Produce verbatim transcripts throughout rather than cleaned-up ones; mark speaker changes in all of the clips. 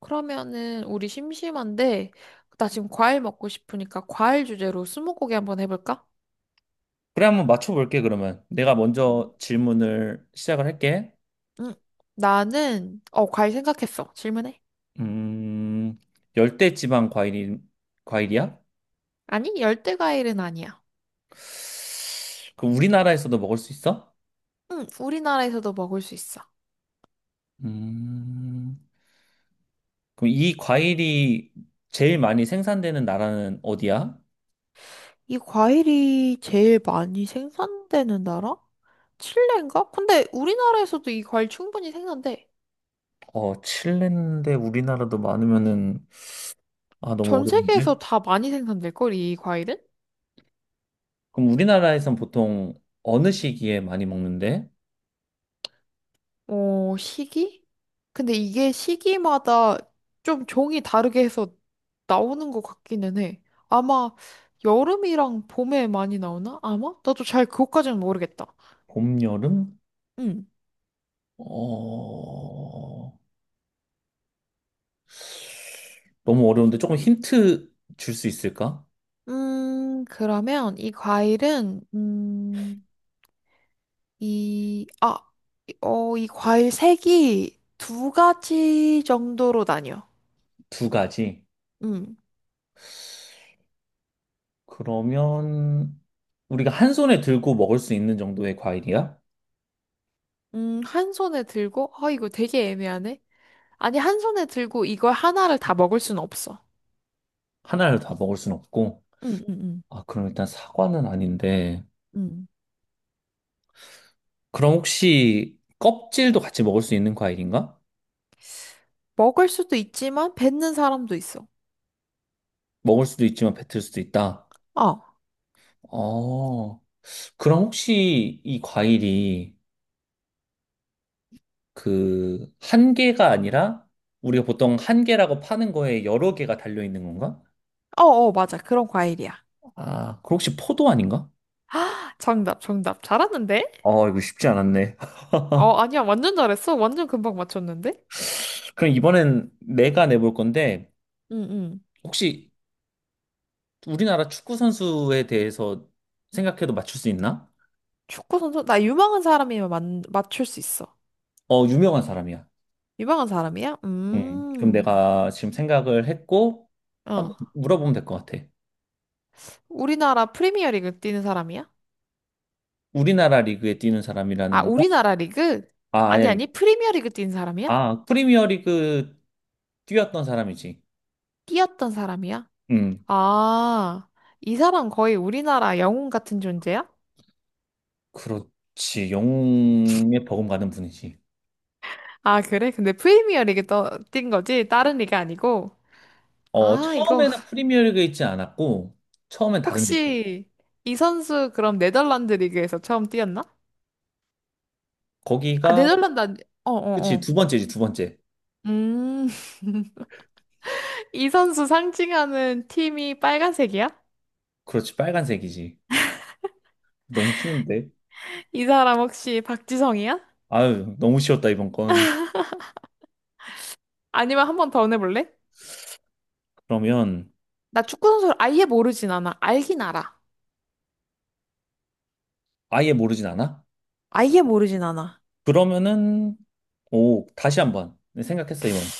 Speaker 1: 그러면은 우리 심심한데 나 지금 과일 먹고 싶으니까 과일 주제로 스무고개 한번 해볼까?
Speaker 2: 그래, 한번 맞춰볼게, 그러면. 내가
Speaker 1: 음.
Speaker 2: 먼저 질문을 시작을 할게.
Speaker 1: 응. 나는 어 과일 생각했어. 질문해.
Speaker 2: 음, 열대지방 과일이, 과일이야?
Speaker 1: 아니 열대 과일은 아니야.
Speaker 2: 그럼 우리나라에서도 먹을 수 있어?
Speaker 1: 응. 우리나라에서도 먹을 수 있어.
Speaker 2: 음, 그럼 이 과일이 제일 많이 생산되는 나라는 어디야?
Speaker 1: 이 과일이 제일 많이 생산되는 나라? 칠레인가? 근데 우리나라에서도 이 과일 충분히 생산돼.
Speaker 2: 어, 칠레인데 우리나라도 많으면은, 아, 너무
Speaker 1: 전
Speaker 2: 어려운데?
Speaker 1: 세계에서 다 많이 생산될걸 이 과일은?
Speaker 2: 그럼 우리나라에선 보통 어느 시기에 많이 먹는데?
Speaker 1: 어, 시기? 근데 이게 시기마다 좀 종이 다르게 해서 나오는 것 같기는 해. 아마 여름이랑 봄에 많이 나오나? 아마? 나도 잘 그것까지는 모르겠다.
Speaker 2: 봄, 여름?
Speaker 1: 음.
Speaker 2: 어, 너무 어려운데 조금 힌트 줄 수 있을까?
Speaker 1: 음, 그러면 이 과일은, 음, 이, 아, 이- 어, 이 과일 색이 두 가지 정도로 나뉘어.
Speaker 2: 두 가지.
Speaker 1: 음,
Speaker 2: 그러면 우리가 한 손에 들고 먹을 수 있는 정도의 과일이야?
Speaker 1: 음, 한 손에 들고, 아, 이거 되게 애매하네. 아니, 한 손에 들고 이걸 하나를 다 먹을 순 없어.
Speaker 2: 하나를 다 먹을 순 없고.
Speaker 1: 응, 응, 응,
Speaker 2: 아, 그럼 일단 사과는 아닌데.
Speaker 1: 응.
Speaker 2: 그럼 혹시 껍질도 같이 먹을 수 있는 과일인가?
Speaker 1: 먹을 수도 있지만 뱉는 사람도 있어.
Speaker 2: 먹을 수도 있지만 뱉을 수도 있다.
Speaker 1: 어, 어,
Speaker 2: 어, 그럼 혹시 이 과일이 그 한 개가 아니라 우리가 보통 한 개라고 파는 거에 여러 개가 달려 있는 건가?
Speaker 1: 어, 맞아. 그런 과일이야.
Speaker 2: 아, 그럼 혹시 포도 아닌가?
Speaker 1: 정답, 정답. 잘하는데?
Speaker 2: 어, 이거 쉽지 않았네.
Speaker 1: 어, 아니야. 완전 잘했어. 완전 금방 맞췄는데?
Speaker 2: 그럼 이번엔 내가 내볼 건데,
Speaker 1: 응, 응.
Speaker 2: 혹시 우리나라 축구 선수에 대해서 생각해도 맞출 수 있나?
Speaker 1: 축구 선수? 나 유망한 사람이면 맞 맞출 수 있어.
Speaker 2: 어, 유명한 사람이야.
Speaker 1: 유망한 사람이야?
Speaker 2: 음, 그럼
Speaker 1: 음,
Speaker 2: 내가 지금 생각을 했고,
Speaker 1: 어.
Speaker 2: 한번 물어보면 될 것 같아.
Speaker 1: 우리나라 프리미어리그 뛰는 사람이야?
Speaker 2: 우리나라 리그에 뛰는 사람이라는
Speaker 1: 아,
Speaker 2: 건가?
Speaker 1: 우리나라 리그?
Speaker 2: 아, 아니,
Speaker 1: 아니, 아니.
Speaker 2: 야.
Speaker 1: 프리미어리그 뛰는 사람이야?
Speaker 2: 아, 프리미어 리그 뛰었던 사람이지.
Speaker 1: 뛰었던 사람이야?
Speaker 2: 음,
Speaker 1: 아, 이 사람 거의 우리나라 영웅 같은 존재야?
Speaker 2: 그렇지. 영웅에 버금가는 분이지.
Speaker 1: 아, 그래? 근데 프리미어 리그 떠, 뛴 거지? 다른 리그 아니고?
Speaker 2: 어,
Speaker 1: 아, 이거
Speaker 2: 처음에는 프리미어 리그에 있지 않았고, 처음엔 다른 데 있어.
Speaker 1: 혹시 이 선수 그럼 네덜란드 리그에서 처음 뛰었나? 아,
Speaker 2: 거기가
Speaker 1: 네덜란드 아니. 어, 어,
Speaker 2: 그치, 두
Speaker 1: 어.
Speaker 2: 번째지, 두 번째.
Speaker 1: 음. 이 선수 상징하는 팀이 빨간색이야?
Speaker 2: 그렇지, 빨간색이지. 너무 쉬운데?
Speaker 1: 이 사람 혹시 박지성이야?
Speaker 2: 아유, 너무 쉬웠다, 이번 건.
Speaker 1: 아니면 한번 더 내볼래?
Speaker 2: 그러면,
Speaker 1: 나 축구 선수를 아예 모르진 않아. 알긴 알아.
Speaker 2: 아예 모르진 않아?
Speaker 1: 아예 모르진 않아.
Speaker 2: 그러면은, 오, 다시 한번 생각했어, 이번.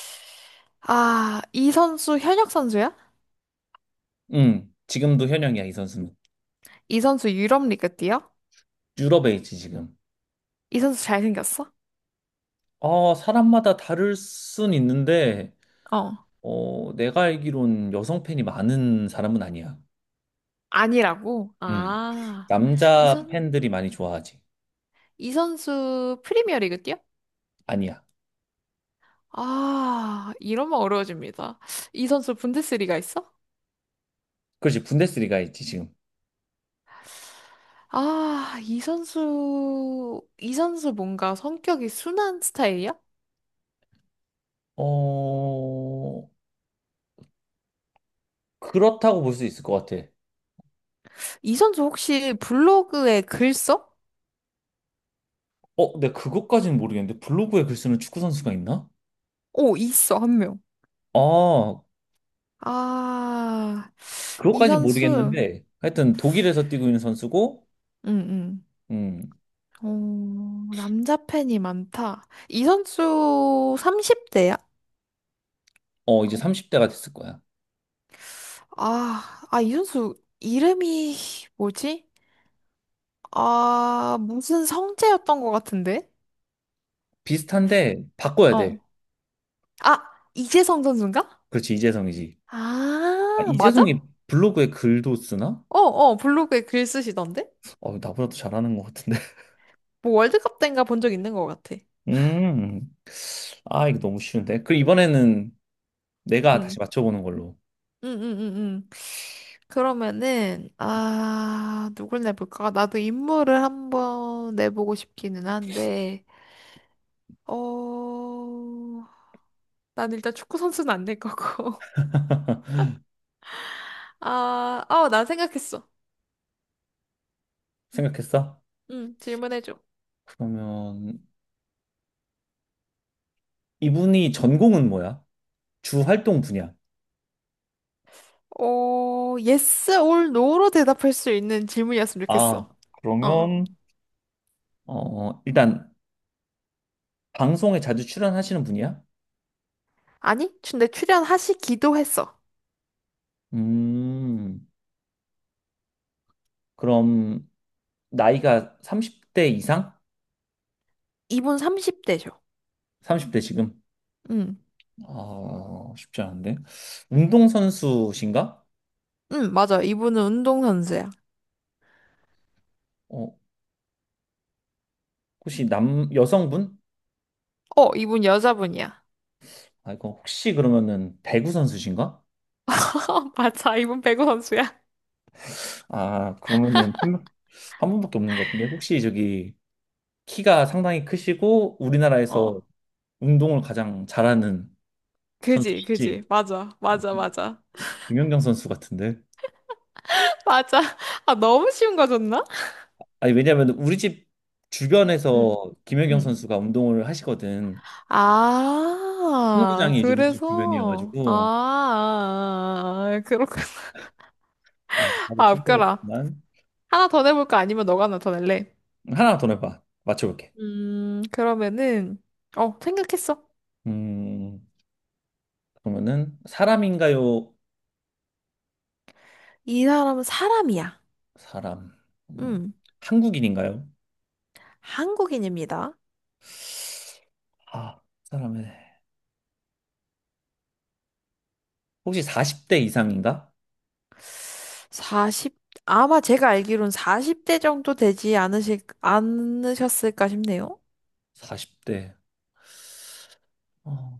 Speaker 1: 아, 이 선수 현역 선수야?
Speaker 2: 응, 지금도 현역이야, 이 선수는.
Speaker 1: 이 선수 유럽 리그 뛰어?
Speaker 2: 유럽에 있지, 지금.
Speaker 1: 이 선수 잘생겼어?
Speaker 2: 아, 사람마다 다를 순 있는데,
Speaker 1: 어.
Speaker 2: 어, 내가 알기론 여성 팬이 많은 사람은 아니야.
Speaker 1: 아니라고?
Speaker 2: 응.
Speaker 1: 아, 이
Speaker 2: 남자
Speaker 1: 선,
Speaker 2: 팬들이 많이 좋아하지.
Speaker 1: 이 선수 프리미어리그 뛰어?
Speaker 2: 아니야.
Speaker 1: 아, 이러면 어려워집니다. 이 선수 분데스리가 있어?
Speaker 2: 그렇지, 분데스리가 있지, 지금.
Speaker 1: 아, 이 선수, 이 선수 뭔가 성격이 순한 스타일이야?
Speaker 2: 어, 그렇다고 볼 수 있을 것 같아.
Speaker 1: 이 선수 혹시 블로그에 글 써?
Speaker 2: 어, 내가 그것까지는 모르겠는데 블로그에 글 쓰는 축구 선수가 있나?
Speaker 1: 오, 있어, 한 명.
Speaker 2: 아,
Speaker 1: 아, 이
Speaker 2: 그것까지는
Speaker 1: 선수,
Speaker 2: 모르겠는데 하여튼 독일에서 뛰고 있는 선수고,
Speaker 1: 응,
Speaker 2: 음,
Speaker 1: 응. 어, 남자 팬이 많다. 이 선수 삼십 대야?
Speaker 2: 어 이제 삼십 대가 됐을 거야.
Speaker 1: 아, 아, 이준수 이름이 뭐지? 아, 무슨 성재였던 것 같은데?
Speaker 2: 비슷한데 바꿔야 돼.
Speaker 1: 어. 아, 이재성 선수인가?
Speaker 2: 그렇지, 이재성이지. 아,
Speaker 1: 아, 맞아?
Speaker 2: 이재성이 블로그에 글도 쓰나?
Speaker 1: 어, 어, 블로그에 글 쓰시던데?
Speaker 2: 어, 나보다 더 잘하는 것 같은데.
Speaker 1: 뭐 월드컵 때인가 본 적 있는 것 같아.
Speaker 2: 음, 아 이거 너무 쉬운데. 그럼 이번에는 내가
Speaker 1: 응,
Speaker 2: 다시 맞춰보는 걸로.
Speaker 1: 응, 응, 응, 응. 그러면은, 아, 누굴 내볼까? 나도 인물을 한번 내보고 싶기는 한데, 어, 난 일단 축구 선수는 안 낼 거고. 아, 어, 나 생각했어.
Speaker 2: 생각했어?
Speaker 1: 응, 질문해줘.
Speaker 2: 그러면 이분이 전공은 뭐야? 주 활동 분야.
Speaker 1: 어, yes or no로 대답할 수 있는 질문이었으면 좋겠어.
Speaker 2: 아,
Speaker 1: 어.
Speaker 2: 그러면, 어, 일단, 방송에 자주 출연하시는 분이야?
Speaker 1: 아니, 근데 출연하시기도 했어.
Speaker 2: 음, 그럼, 나이가 삼십 대 이상?
Speaker 1: 이분 삼십 대죠.
Speaker 2: 삼십 대 지금?
Speaker 1: 응,
Speaker 2: 아, 쉽지 않은데. 운동선수신가?
Speaker 1: 응, 맞아. 이분은 운동선수야.
Speaker 2: 어, 혹시 남, 여성분?
Speaker 1: 어, 이분 여자분이야.
Speaker 2: 아, 이거 혹시 그러면은 배구 선수신가?
Speaker 1: 맞아, 이분 배구 선수야.
Speaker 2: 아, 그러면은 한 분- 한 분밖에 없는 것 같은데. 혹시 저기, 키가 상당히 크시고, 우리나라에서
Speaker 1: 어,
Speaker 2: 운동을 가장 잘하는
Speaker 1: 그지, 그지.
Speaker 2: 선수시지?
Speaker 1: 맞아,
Speaker 2: 아,
Speaker 1: 맞아, 맞아.
Speaker 2: 김연경 선수 같은데?
Speaker 1: 맞아. 아, 너무 쉬운 거 줬나?
Speaker 2: 아니, 왜냐면 우리 집
Speaker 1: 응,
Speaker 2: 주변에서 김연경
Speaker 1: 응.
Speaker 2: 선수가 운동을 하시거든. 아,
Speaker 1: 아,
Speaker 2: 승부장이 이제 우리 집
Speaker 1: 그래서, 아, 아,
Speaker 2: 주변이어가지고,
Speaker 1: 아, 아, 그렇구나.
Speaker 2: 아, 바로
Speaker 1: 아, 웃겨라.
Speaker 2: 친구였지만,
Speaker 1: 하나 더 내볼까? 아니면 너가 하나 더 낼래?
Speaker 2: 하나 더 내봐. 맞춰볼게.
Speaker 1: 음, 그러면은, 어, 생각했어.
Speaker 2: 음, 그러면은, 사람인가요?
Speaker 1: 이 사람은 사람이야.
Speaker 2: 사람. 음,
Speaker 1: 음,
Speaker 2: 한국인인가요?
Speaker 1: 한국인입니다.
Speaker 2: 아, 사람의. 혹시 사십 대 이상인가?
Speaker 1: 사십, 아마 제가 알기론 사십 대 정도 되지 않으실, 않으셨을까 싶네요.
Speaker 2: 사십 대. 어,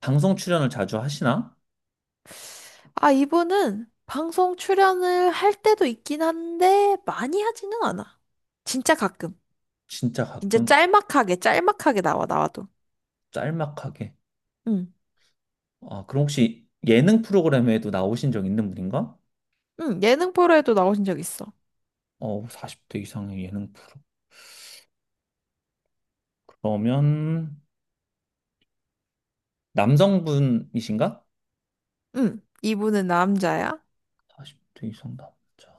Speaker 2: 방송 출연을 자주 하시나?
Speaker 1: 아, 이분은 방송 출연을 할 때도 있긴 한데, 많이 하지는 않아. 진짜 가끔.
Speaker 2: 진짜
Speaker 1: 진짜
Speaker 2: 가끔,
Speaker 1: 짤막하게, 짤막하게 나와, 나와도.
Speaker 2: 짤막하게.
Speaker 1: 응,
Speaker 2: 아, 그럼 혹시 예능 프로그램에도 나오신 적 있는 분인가?
Speaker 1: 응, 예능 프로에도 나오신 적 있어.
Speaker 2: 어, 사십 대 이상의 예능 프로. 그러면 남성분이신가?
Speaker 1: 응, 이분은 남자야.
Speaker 2: 사십 대 이상 남자.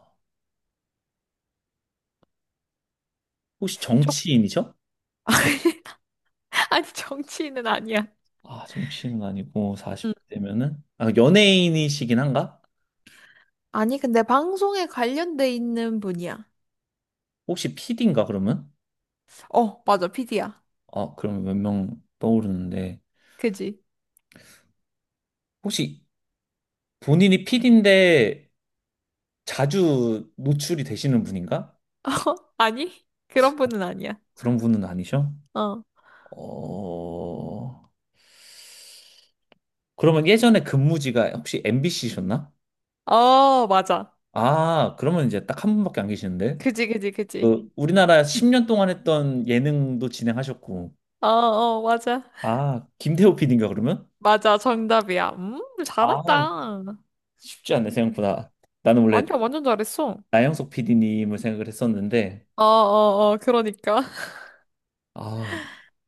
Speaker 2: 혹시
Speaker 1: 쪽,
Speaker 2: 정치인이죠?
Speaker 1: 아니, 정치인은 아니야.
Speaker 2: 아, 정치인은 아니고
Speaker 1: 응.
Speaker 2: 사십 대면은 아, 연예인이시긴 한가?
Speaker 1: 아니, 근데 방송에 관련돼 있는 분이야.
Speaker 2: 혹시 피디인가 그러면?
Speaker 1: 어, 맞아, 피디야.
Speaker 2: 아, 그러면 몇 명 떠오르는데
Speaker 1: 그지?
Speaker 2: 혹시 본인이 피디인데 자주 노출이 되시는 분인가?
Speaker 1: 어, 아니? 그런 분은 아니야.
Speaker 2: 그런 분은 아니셔?
Speaker 1: 어.
Speaker 2: 어... 그러면 예전에 근무지가 혹시 엠비씨셨나?
Speaker 1: 어, 맞아.
Speaker 2: 아, 그러면 이제 딱 한 분밖에 안 계시는데.
Speaker 1: 그지, 그지, 그지.
Speaker 2: 그 우리나라 십 년 동안 했던 예능도 진행하셨고.
Speaker 1: 어, 어, 맞아.
Speaker 2: 아, 김태호 피디인가 그러면?
Speaker 1: 맞아, 정답이야. 음,
Speaker 2: 아,
Speaker 1: 잘한다.
Speaker 2: 쉽지 않네 생각보다. 나는 원래
Speaker 1: 아니야, 완전 잘했어.
Speaker 2: 나영석 피디님을 생각을 했었는데
Speaker 1: 어, 어, 어, 그러니까.
Speaker 2: 아,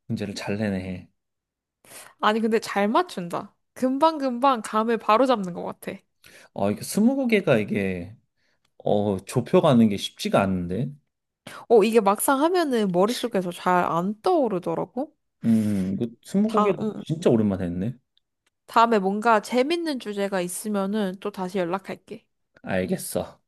Speaker 2: 문제를 잘 내네.
Speaker 1: 아니, 근데 잘 맞춘다. 금방금방 감을 바로잡는 것 같아.
Speaker 2: 아, 이게 이십 개가 이게 어, 좁혀가는 게 쉽지가 않은데.
Speaker 1: 어, 이게 막상 하면은 머릿속에서 잘 안 떠오르더라고.
Speaker 2: 음, 이거 이십 개
Speaker 1: 다, 응,
Speaker 2: 진짜 오랜만에 했네.
Speaker 1: 다음에 뭔가 재밌는 주제가 있으면은 또 다시 연락할게.
Speaker 2: 알겠어.